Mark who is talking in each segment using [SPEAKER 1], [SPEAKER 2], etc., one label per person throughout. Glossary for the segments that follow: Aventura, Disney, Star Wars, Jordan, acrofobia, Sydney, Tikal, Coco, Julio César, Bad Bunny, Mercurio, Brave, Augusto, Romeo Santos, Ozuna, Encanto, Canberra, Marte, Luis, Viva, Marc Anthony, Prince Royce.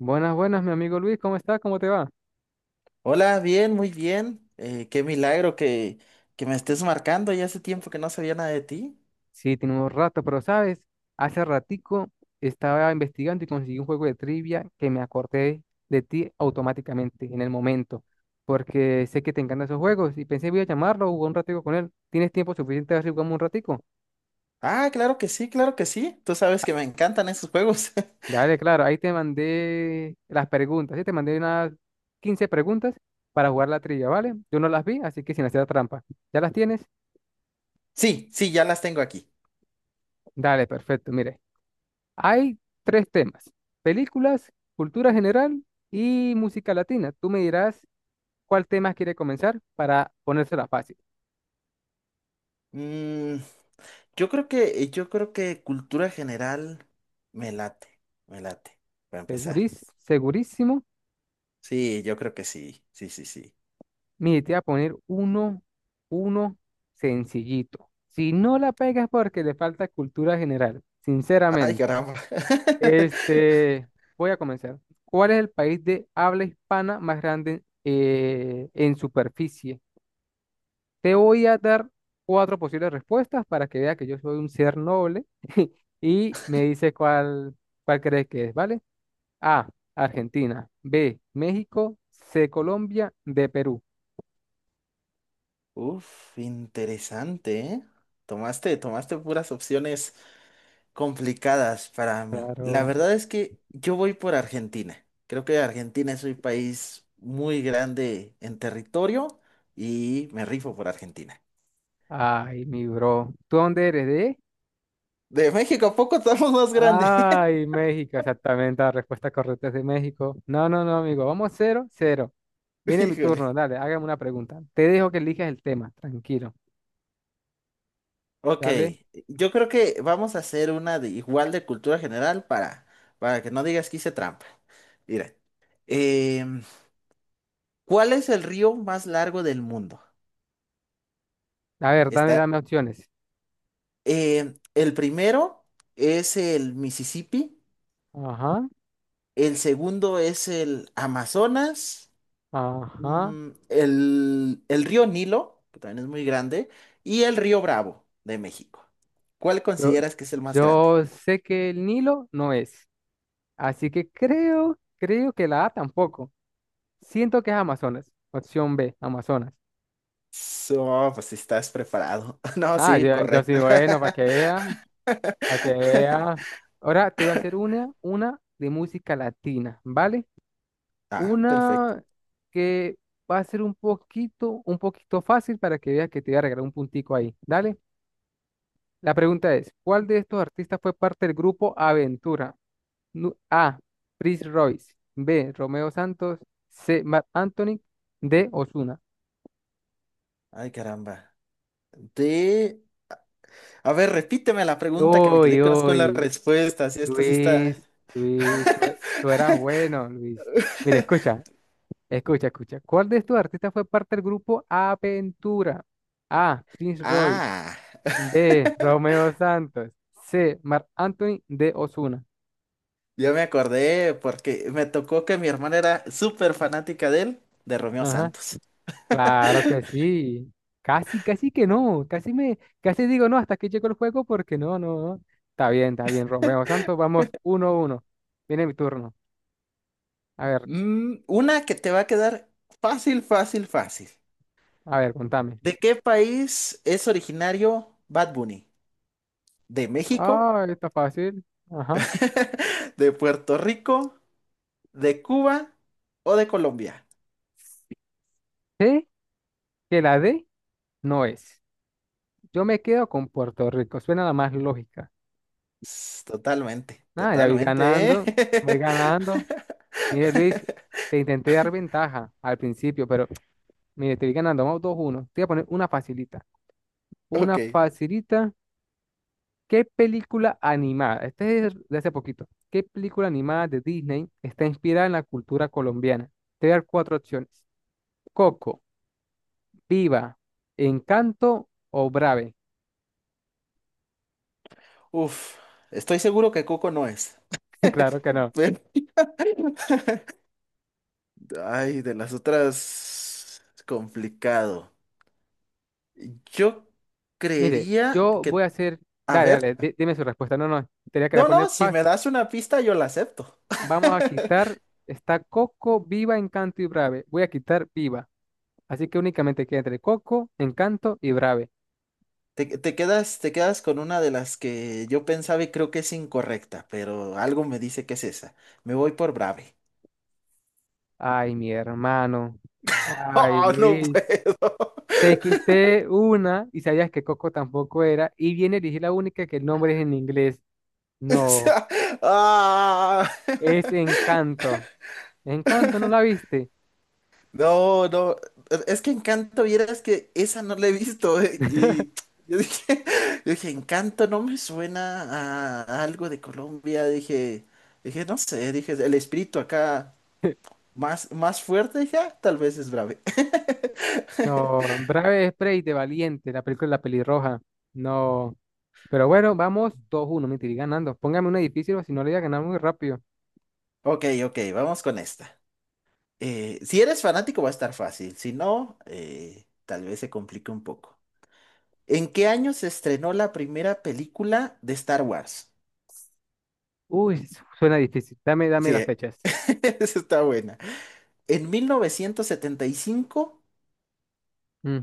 [SPEAKER 1] Buenas, buenas, mi amigo Luis, ¿cómo está? ¿Cómo te va?
[SPEAKER 2] Hola, bien, muy bien. Qué milagro que me estés marcando. Ya hace tiempo que no sabía nada de ti.
[SPEAKER 1] Sí, tenemos rato, pero sabes, hace ratico estaba investigando y conseguí un juego de trivia que me acordé de ti automáticamente en el momento, porque sé que te encantan esos juegos y pensé voy a llamarlo, jugar un ratico con él. ¿Tienes tiempo suficiente para jugamos un ratico?
[SPEAKER 2] Ah, claro que sí, claro que sí. Tú sabes que me encantan esos juegos.
[SPEAKER 1] Dale, claro, ahí te mandé las preguntas, sí, te mandé unas 15 preguntas para jugar la trivia, ¿vale? Yo no las vi, así que sin hacer trampa. ¿Ya las tienes?
[SPEAKER 2] Sí, sí, ya las tengo aquí.
[SPEAKER 1] Dale, perfecto, mire. Hay tres temas, películas, cultura general y música latina. Tú me dirás cuál tema quiere comenzar para ponérsela fácil.
[SPEAKER 2] Mm, yo creo que cultura general me late, me late, para empezar.
[SPEAKER 1] Segurísimo,
[SPEAKER 2] Sí, yo creo que sí, sí, sí, sí.
[SPEAKER 1] mire, te voy a poner uno sencillito. Si no la pegas porque le falta cultura general,
[SPEAKER 2] Ay,
[SPEAKER 1] sinceramente.
[SPEAKER 2] caramba.
[SPEAKER 1] Este, voy a comenzar. ¿Cuál es el país de habla hispana más grande en superficie? Te voy a dar cuatro posibles respuestas para que vea que yo soy un ser noble y me dice cuál crees que es, ¿vale? A, Argentina. B, México. C, Colombia. D, Perú.
[SPEAKER 2] Uf, interesante, ¿eh? Tomaste puras opciones complicadas para mí. La
[SPEAKER 1] Claro.
[SPEAKER 2] verdad es que yo voy por Argentina. Creo que Argentina es un país muy grande en territorio y me rifo por Argentina.
[SPEAKER 1] Ay, mi bro. ¿Tú dónde eres de?
[SPEAKER 2] De México a poco estamos más grandes.
[SPEAKER 1] Ay, México, exactamente. La respuesta correcta es de México. No, no, no, amigo. Vamos 0-0. Viene mi
[SPEAKER 2] Híjole.
[SPEAKER 1] turno, dale, hágame una pregunta. Te dejo que elijas el tema, tranquilo.
[SPEAKER 2] Ok,
[SPEAKER 1] Dale.
[SPEAKER 2] yo creo que vamos a hacer una de igual de cultura general para que no digas que hice trampa. Mira, em, ¿cuál es el río más largo del mundo?
[SPEAKER 1] A ver, dame,
[SPEAKER 2] Está,
[SPEAKER 1] dame opciones.
[SPEAKER 2] el primero es el Mississippi.
[SPEAKER 1] Ajá.
[SPEAKER 2] El segundo es el Amazonas,
[SPEAKER 1] Ajá.
[SPEAKER 2] el río Nilo, que también es muy grande, y el río Bravo de México. ¿Cuál
[SPEAKER 1] Yo,
[SPEAKER 2] consideras que es el más grande?
[SPEAKER 1] yo sé que el Nilo no es. Así que creo que la A tampoco. Siento que es Amazonas. Opción B, Amazonas.
[SPEAKER 2] So, pues si estás preparado. No,
[SPEAKER 1] Ah,
[SPEAKER 2] sí,
[SPEAKER 1] yo sí,
[SPEAKER 2] correcto.
[SPEAKER 1] bueno, para que vea, para que vea. Ahora te voy a hacer una de música latina, ¿vale?
[SPEAKER 2] Ah, perfecto.
[SPEAKER 1] Una que va a ser un poquito fácil para que veas que te voy a regalar un puntico ahí. Dale. La pregunta es, ¿cuál de estos artistas fue parte del grupo Aventura? A. Prince Royce. B. Romeo Santos. C. Marc Anthony. D. Ozuna.
[SPEAKER 2] Ay, caramba. De... A ver, repíteme la pregunta que me
[SPEAKER 1] Uy,
[SPEAKER 2] quedé con las
[SPEAKER 1] uy.
[SPEAKER 2] respuestas. Esto sí está...
[SPEAKER 1] Luis, Luis, tú eras bueno, Luis. Mira, escucha, escucha, escucha. ¿Cuál de estos artistas fue parte del grupo Aventura? A. Prince Royce.
[SPEAKER 2] Ah,
[SPEAKER 1] B. Romeo Santos. C. Marc Anthony. D. Ozuna.
[SPEAKER 2] yo me acordé porque me tocó que mi hermana era súper fanática de él, de Romeo
[SPEAKER 1] Ajá.
[SPEAKER 2] Santos.
[SPEAKER 1] Claro que sí. Casi que no. Casi digo no, hasta aquí llegó el juego porque no, no, no. Está bien, Romeo Santos. Vamos 1-1. Viene mi turno. A ver,
[SPEAKER 2] Mm, una que te va a quedar fácil, fácil, fácil.
[SPEAKER 1] a ver, contame.
[SPEAKER 2] ¿De qué país es originario Bad Bunny? ¿De México?
[SPEAKER 1] Ah, está fácil. Ajá.
[SPEAKER 2] ¿De Puerto Rico? ¿De Cuba? ¿O de Colombia?
[SPEAKER 1] Sé que la D no es. Yo me quedo con Puerto Rico. Suena la más lógica.
[SPEAKER 2] Totalmente,
[SPEAKER 1] Ah, ya voy
[SPEAKER 2] totalmente, ¿eh?
[SPEAKER 1] ganando. Voy ganando. Mire, Luis, te intenté dar ventaja al principio, pero mire, te voy ganando. Vamos 2-1. Te voy a poner una facilita.
[SPEAKER 2] Ok.
[SPEAKER 1] Una facilita. ¿Qué película animada? Este es de hace poquito. ¿Qué película animada de Disney está inspirada en la cultura colombiana? Te voy a dar cuatro opciones. Coco, Viva, Encanto o Brave.
[SPEAKER 2] Uf, estoy seguro que Coco no es.
[SPEAKER 1] Claro que no.
[SPEAKER 2] Pero- Ay, de las otras, complicado. Yo
[SPEAKER 1] Mire,
[SPEAKER 2] creería
[SPEAKER 1] yo voy a
[SPEAKER 2] que,
[SPEAKER 1] hacer.
[SPEAKER 2] a
[SPEAKER 1] Dale,
[SPEAKER 2] ver.
[SPEAKER 1] dale, dime su respuesta. No, no, tenía que
[SPEAKER 2] No,
[SPEAKER 1] poner
[SPEAKER 2] no, si
[SPEAKER 1] paz.
[SPEAKER 2] me das una pista, yo la acepto.
[SPEAKER 1] Vamos a quitar. Está Coco, Viva, Encanto y Brave. Voy a quitar Viva. Así que únicamente queda entre Coco, Encanto y Brave.
[SPEAKER 2] Te quedas con una de las que yo pensaba y creo que es incorrecta, pero algo me dice que es esa. Me voy por Brave.
[SPEAKER 1] Ay, mi hermano. Ay,
[SPEAKER 2] Oh, no
[SPEAKER 1] Luis.
[SPEAKER 2] puedo.
[SPEAKER 1] Te quité una y sabías que Coco tampoco era. Y viene a elegir la única que el nombre es en inglés.
[SPEAKER 2] O
[SPEAKER 1] No,
[SPEAKER 2] sea, ah.
[SPEAKER 1] es Encanto. Encanto, ¿no la viste?
[SPEAKER 2] No, no. Es que Encanto, vieras que esa no la he visto. Y yo dije, yo dije, Encanto no me suena a algo de Colombia. Dije, no sé, dije, el espíritu acá. Más, más fuerte ya, tal vez es brave.
[SPEAKER 1] No, Brave Spray de Valiente, la película de la pelirroja. No. Pero bueno, vamos 2 uno. Me estoy ganando. Póngame una difícil o si no le voy a ganar muy rápido.
[SPEAKER 2] Ok, ok, vamos con esta. Si eres fanático va a estar fácil, si no, tal vez se complique un poco. ¿En qué año se estrenó la primera película de Star Wars?
[SPEAKER 1] Uy, suena difícil. Dame
[SPEAKER 2] Sí,
[SPEAKER 1] las fechas.
[SPEAKER 2] esa está buena. ¿En 1975,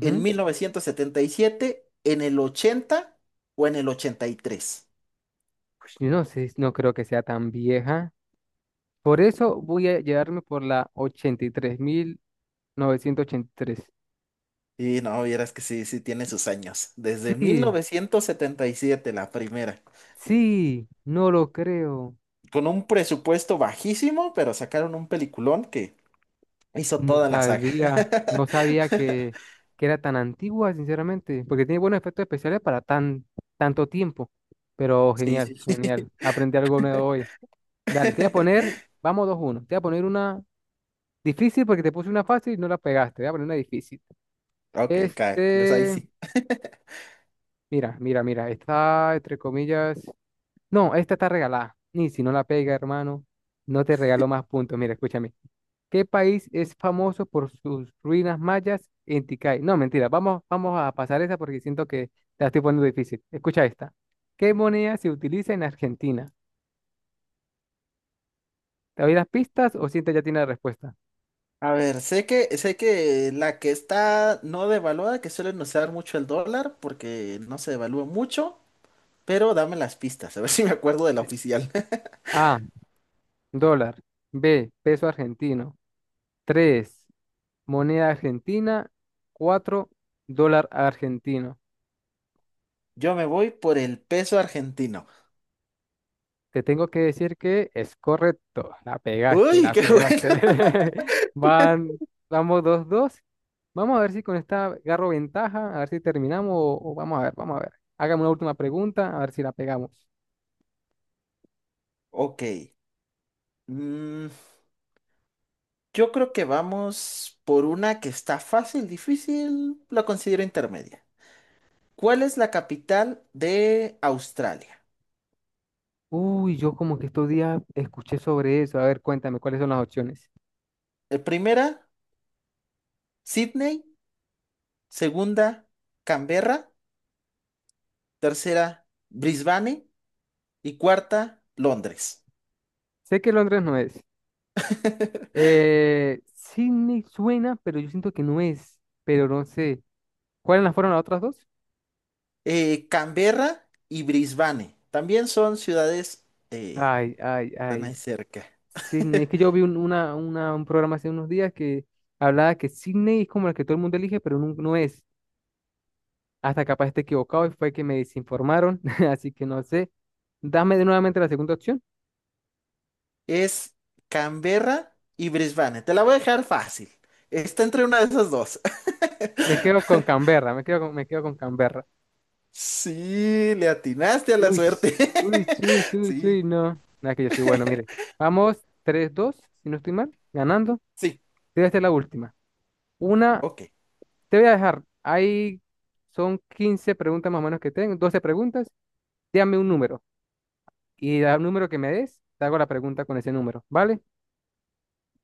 [SPEAKER 2] en 1977, en el 80 o en el ochenta y tres?
[SPEAKER 1] Pues yo no sé, no creo que sea tan vieja. Por eso voy a llevarme por la ochenta y tres 1983.
[SPEAKER 2] Y no, vieras que sí, sí tiene sus años. Desde mil
[SPEAKER 1] Sí,
[SPEAKER 2] novecientos setenta y siete la primera.
[SPEAKER 1] sí, no lo creo.
[SPEAKER 2] Con un presupuesto bajísimo, pero sacaron un peliculón que hizo
[SPEAKER 1] No
[SPEAKER 2] toda la saga.
[SPEAKER 1] sabía, no sabía que, que era tan antigua, sinceramente, porque tiene buenos efectos especiales para tanto tiempo. Pero
[SPEAKER 2] Sí,
[SPEAKER 1] genial,
[SPEAKER 2] sí.
[SPEAKER 1] genial. Aprendí algo nuevo hoy. Dale, te voy a poner, vamos dos uno. Te voy a poner una difícil porque te puse una fácil y no la pegaste. Te voy a poner una difícil.
[SPEAKER 2] Ok, cae. Les ahí
[SPEAKER 1] Este,
[SPEAKER 2] sí.
[SPEAKER 1] mira, mira, mira, está entre comillas. No, esta está regalada. Ni si no la pega, hermano, no te regalo más puntos. Mira, escúchame. ¿Qué país es famoso por sus ruinas mayas en Tikal? No, mentira, vamos a pasar esa porque siento que te la estoy poniendo difícil. Escucha esta. ¿Qué moneda se utiliza en Argentina? ¿Te doy las pistas o sientes ya tiene la respuesta?
[SPEAKER 2] A ver, sé que la que está no devaluada, que suelen usar mucho el dólar, porque no se devalúa mucho, pero dame las pistas, a ver si me acuerdo de la oficial.
[SPEAKER 1] A, dólar. B, peso argentino. Tres, moneda argentina. Cuatro, dólar argentino.
[SPEAKER 2] Yo me voy por el peso argentino.
[SPEAKER 1] Te tengo que decir que es correcto. La pegaste,
[SPEAKER 2] Uy,
[SPEAKER 1] la
[SPEAKER 2] qué bueno.
[SPEAKER 1] pegaste. Van, vamos 2-2. Vamos a ver si con esta agarro ventaja, a ver si terminamos o vamos a ver, vamos a ver. Hágame una última pregunta, a ver si la pegamos.
[SPEAKER 2] Ok. mm, Yo creo que vamos por una que está fácil, difícil, la considero intermedia. ¿Cuál es la capital de Australia?
[SPEAKER 1] Uy, yo como que estos días escuché sobre eso. A ver, cuéntame, ¿cuáles son las opciones?
[SPEAKER 2] Primera, Sydney. Segunda, Canberra. Tercera, Brisbane. Y cuarta, Londres.
[SPEAKER 1] Sé que Londres no es. Sí me suena, pero yo siento que no es. Pero no sé. ¿Cuáles fueron las otras dos?
[SPEAKER 2] Canberra y Brisbane también son ciudades, eh,
[SPEAKER 1] Ay, ay,
[SPEAKER 2] están ahí
[SPEAKER 1] ay.
[SPEAKER 2] cerca.
[SPEAKER 1] Sydney, es que yo vi un programa hace unos días que hablaba que Sydney es como la que todo el mundo elige, pero no, no es. Hasta capaz esté equivocado y fue que me desinformaron, así que no sé. Dame de nuevamente la segunda opción.
[SPEAKER 2] Es Canberra y Brisbane. Te la voy a dejar fácil. Está entre una de esas dos.
[SPEAKER 1] Me quedo con Canberra, me quedo con Canberra.
[SPEAKER 2] Sí, le atinaste a la
[SPEAKER 1] Uy,
[SPEAKER 2] suerte. Sí,
[SPEAKER 1] no. Nada, que yo soy bueno, mire. Vamos 3-2, si no estoy mal, ganando.
[SPEAKER 2] sí,
[SPEAKER 1] Te voy a hacer la última. Una,
[SPEAKER 2] ok,
[SPEAKER 1] te voy a dejar. Ahí son 15 preguntas más o menos que tengo. 12 preguntas. Dame un número, y da el número que me des, te hago la pregunta con ese número, ¿vale?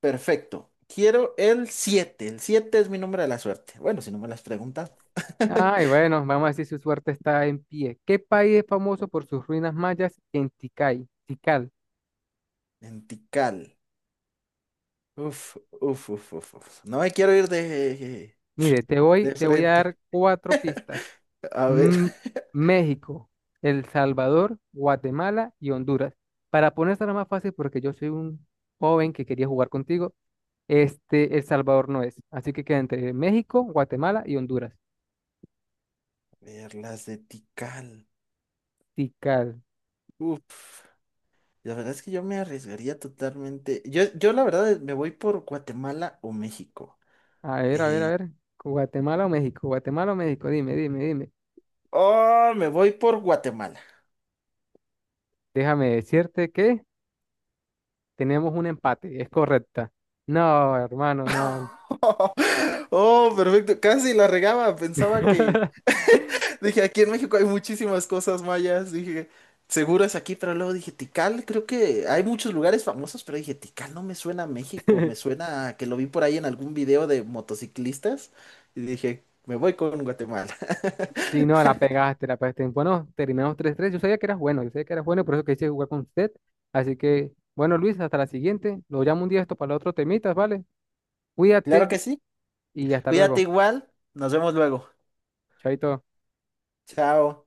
[SPEAKER 2] perfecto. Quiero el siete. El 7 es mi número de la suerte. Bueno, si no me las preguntas.
[SPEAKER 1] Ay, bueno, vamos a decir si su suerte está en pie. ¿Qué país es famoso por sus ruinas mayas en Tikal? Tikal.
[SPEAKER 2] Lentical. Uf, uf, uf, uf, uf. No me quiero ir de,
[SPEAKER 1] Mire,
[SPEAKER 2] de
[SPEAKER 1] te voy a
[SPEAKER 2] frente.
[SPEAKER 1] dar cuatro pistas.
[SPEAKER 2] A ver.
[SPEAKER 1] Mm, México, El Salvador, Guatemala y Honduras. Para ponértela más fácil, porque yo soy un joven que quería jugar contigo, este El Salvador no es. Así que queda entre México, Guatemala y Honduras.
[SPEAKER 2] A ver, las de Tikal.
[SPEAKER 1] Tikal.
[SPEAKER 2] Uf. La verdad es que yo me arriesgaría totalmente. Yo la verdad me voy por Guatemala o México.
[SPEAKER 1] A ver, a ver, a
[SPEAKER 2] Eh,
[SPEAKER 1] ver. Guatemala o México, dime, dime, dime.
[SPEAKER 2] oh, me voy por Guatemala.
[SPEAKER 1] Déjame decirte que tenemos un empate, es correcta. No, hermano, no.
[SPEAKER 2] Oh, perfecto. Casi la regaba. Pensaba que. Dije, aquí en México hay muchísimas cosas mayas. Dije, seguro es aquí, pero luego dije, Tikal, creo que hay muchos lugares famosos, pero dije, Tikal no me suena a México. Me suena a que lo vi por ahí en algún video de motociclistas. Y dije, me voy con Guatemala.
[SPEAKER 1] Si no, la pegaste, la pegaste. Bueno, terminamos 3-3. Yo sabía que eras bueno, yo sabía que eras bueno, por eso quise jugar con usted. Así que, bueno, Luis, hasta la siguiente. Lo llamo un día esto para el otro temitas, ¿vale?
[SPEAKER 2] Claro
[SPEAKER 1] Cuídate
[SPEAKER 2] que sí.
[SPEAKER 1] y hasta
[SPEAKER 2] Cuídate
[SPEAKER 1] luego.
[SPEAKER 2] igual. Nos vemos luego.
[SPEAKER 1] Chaito.
[SPEAKER 2] Chao.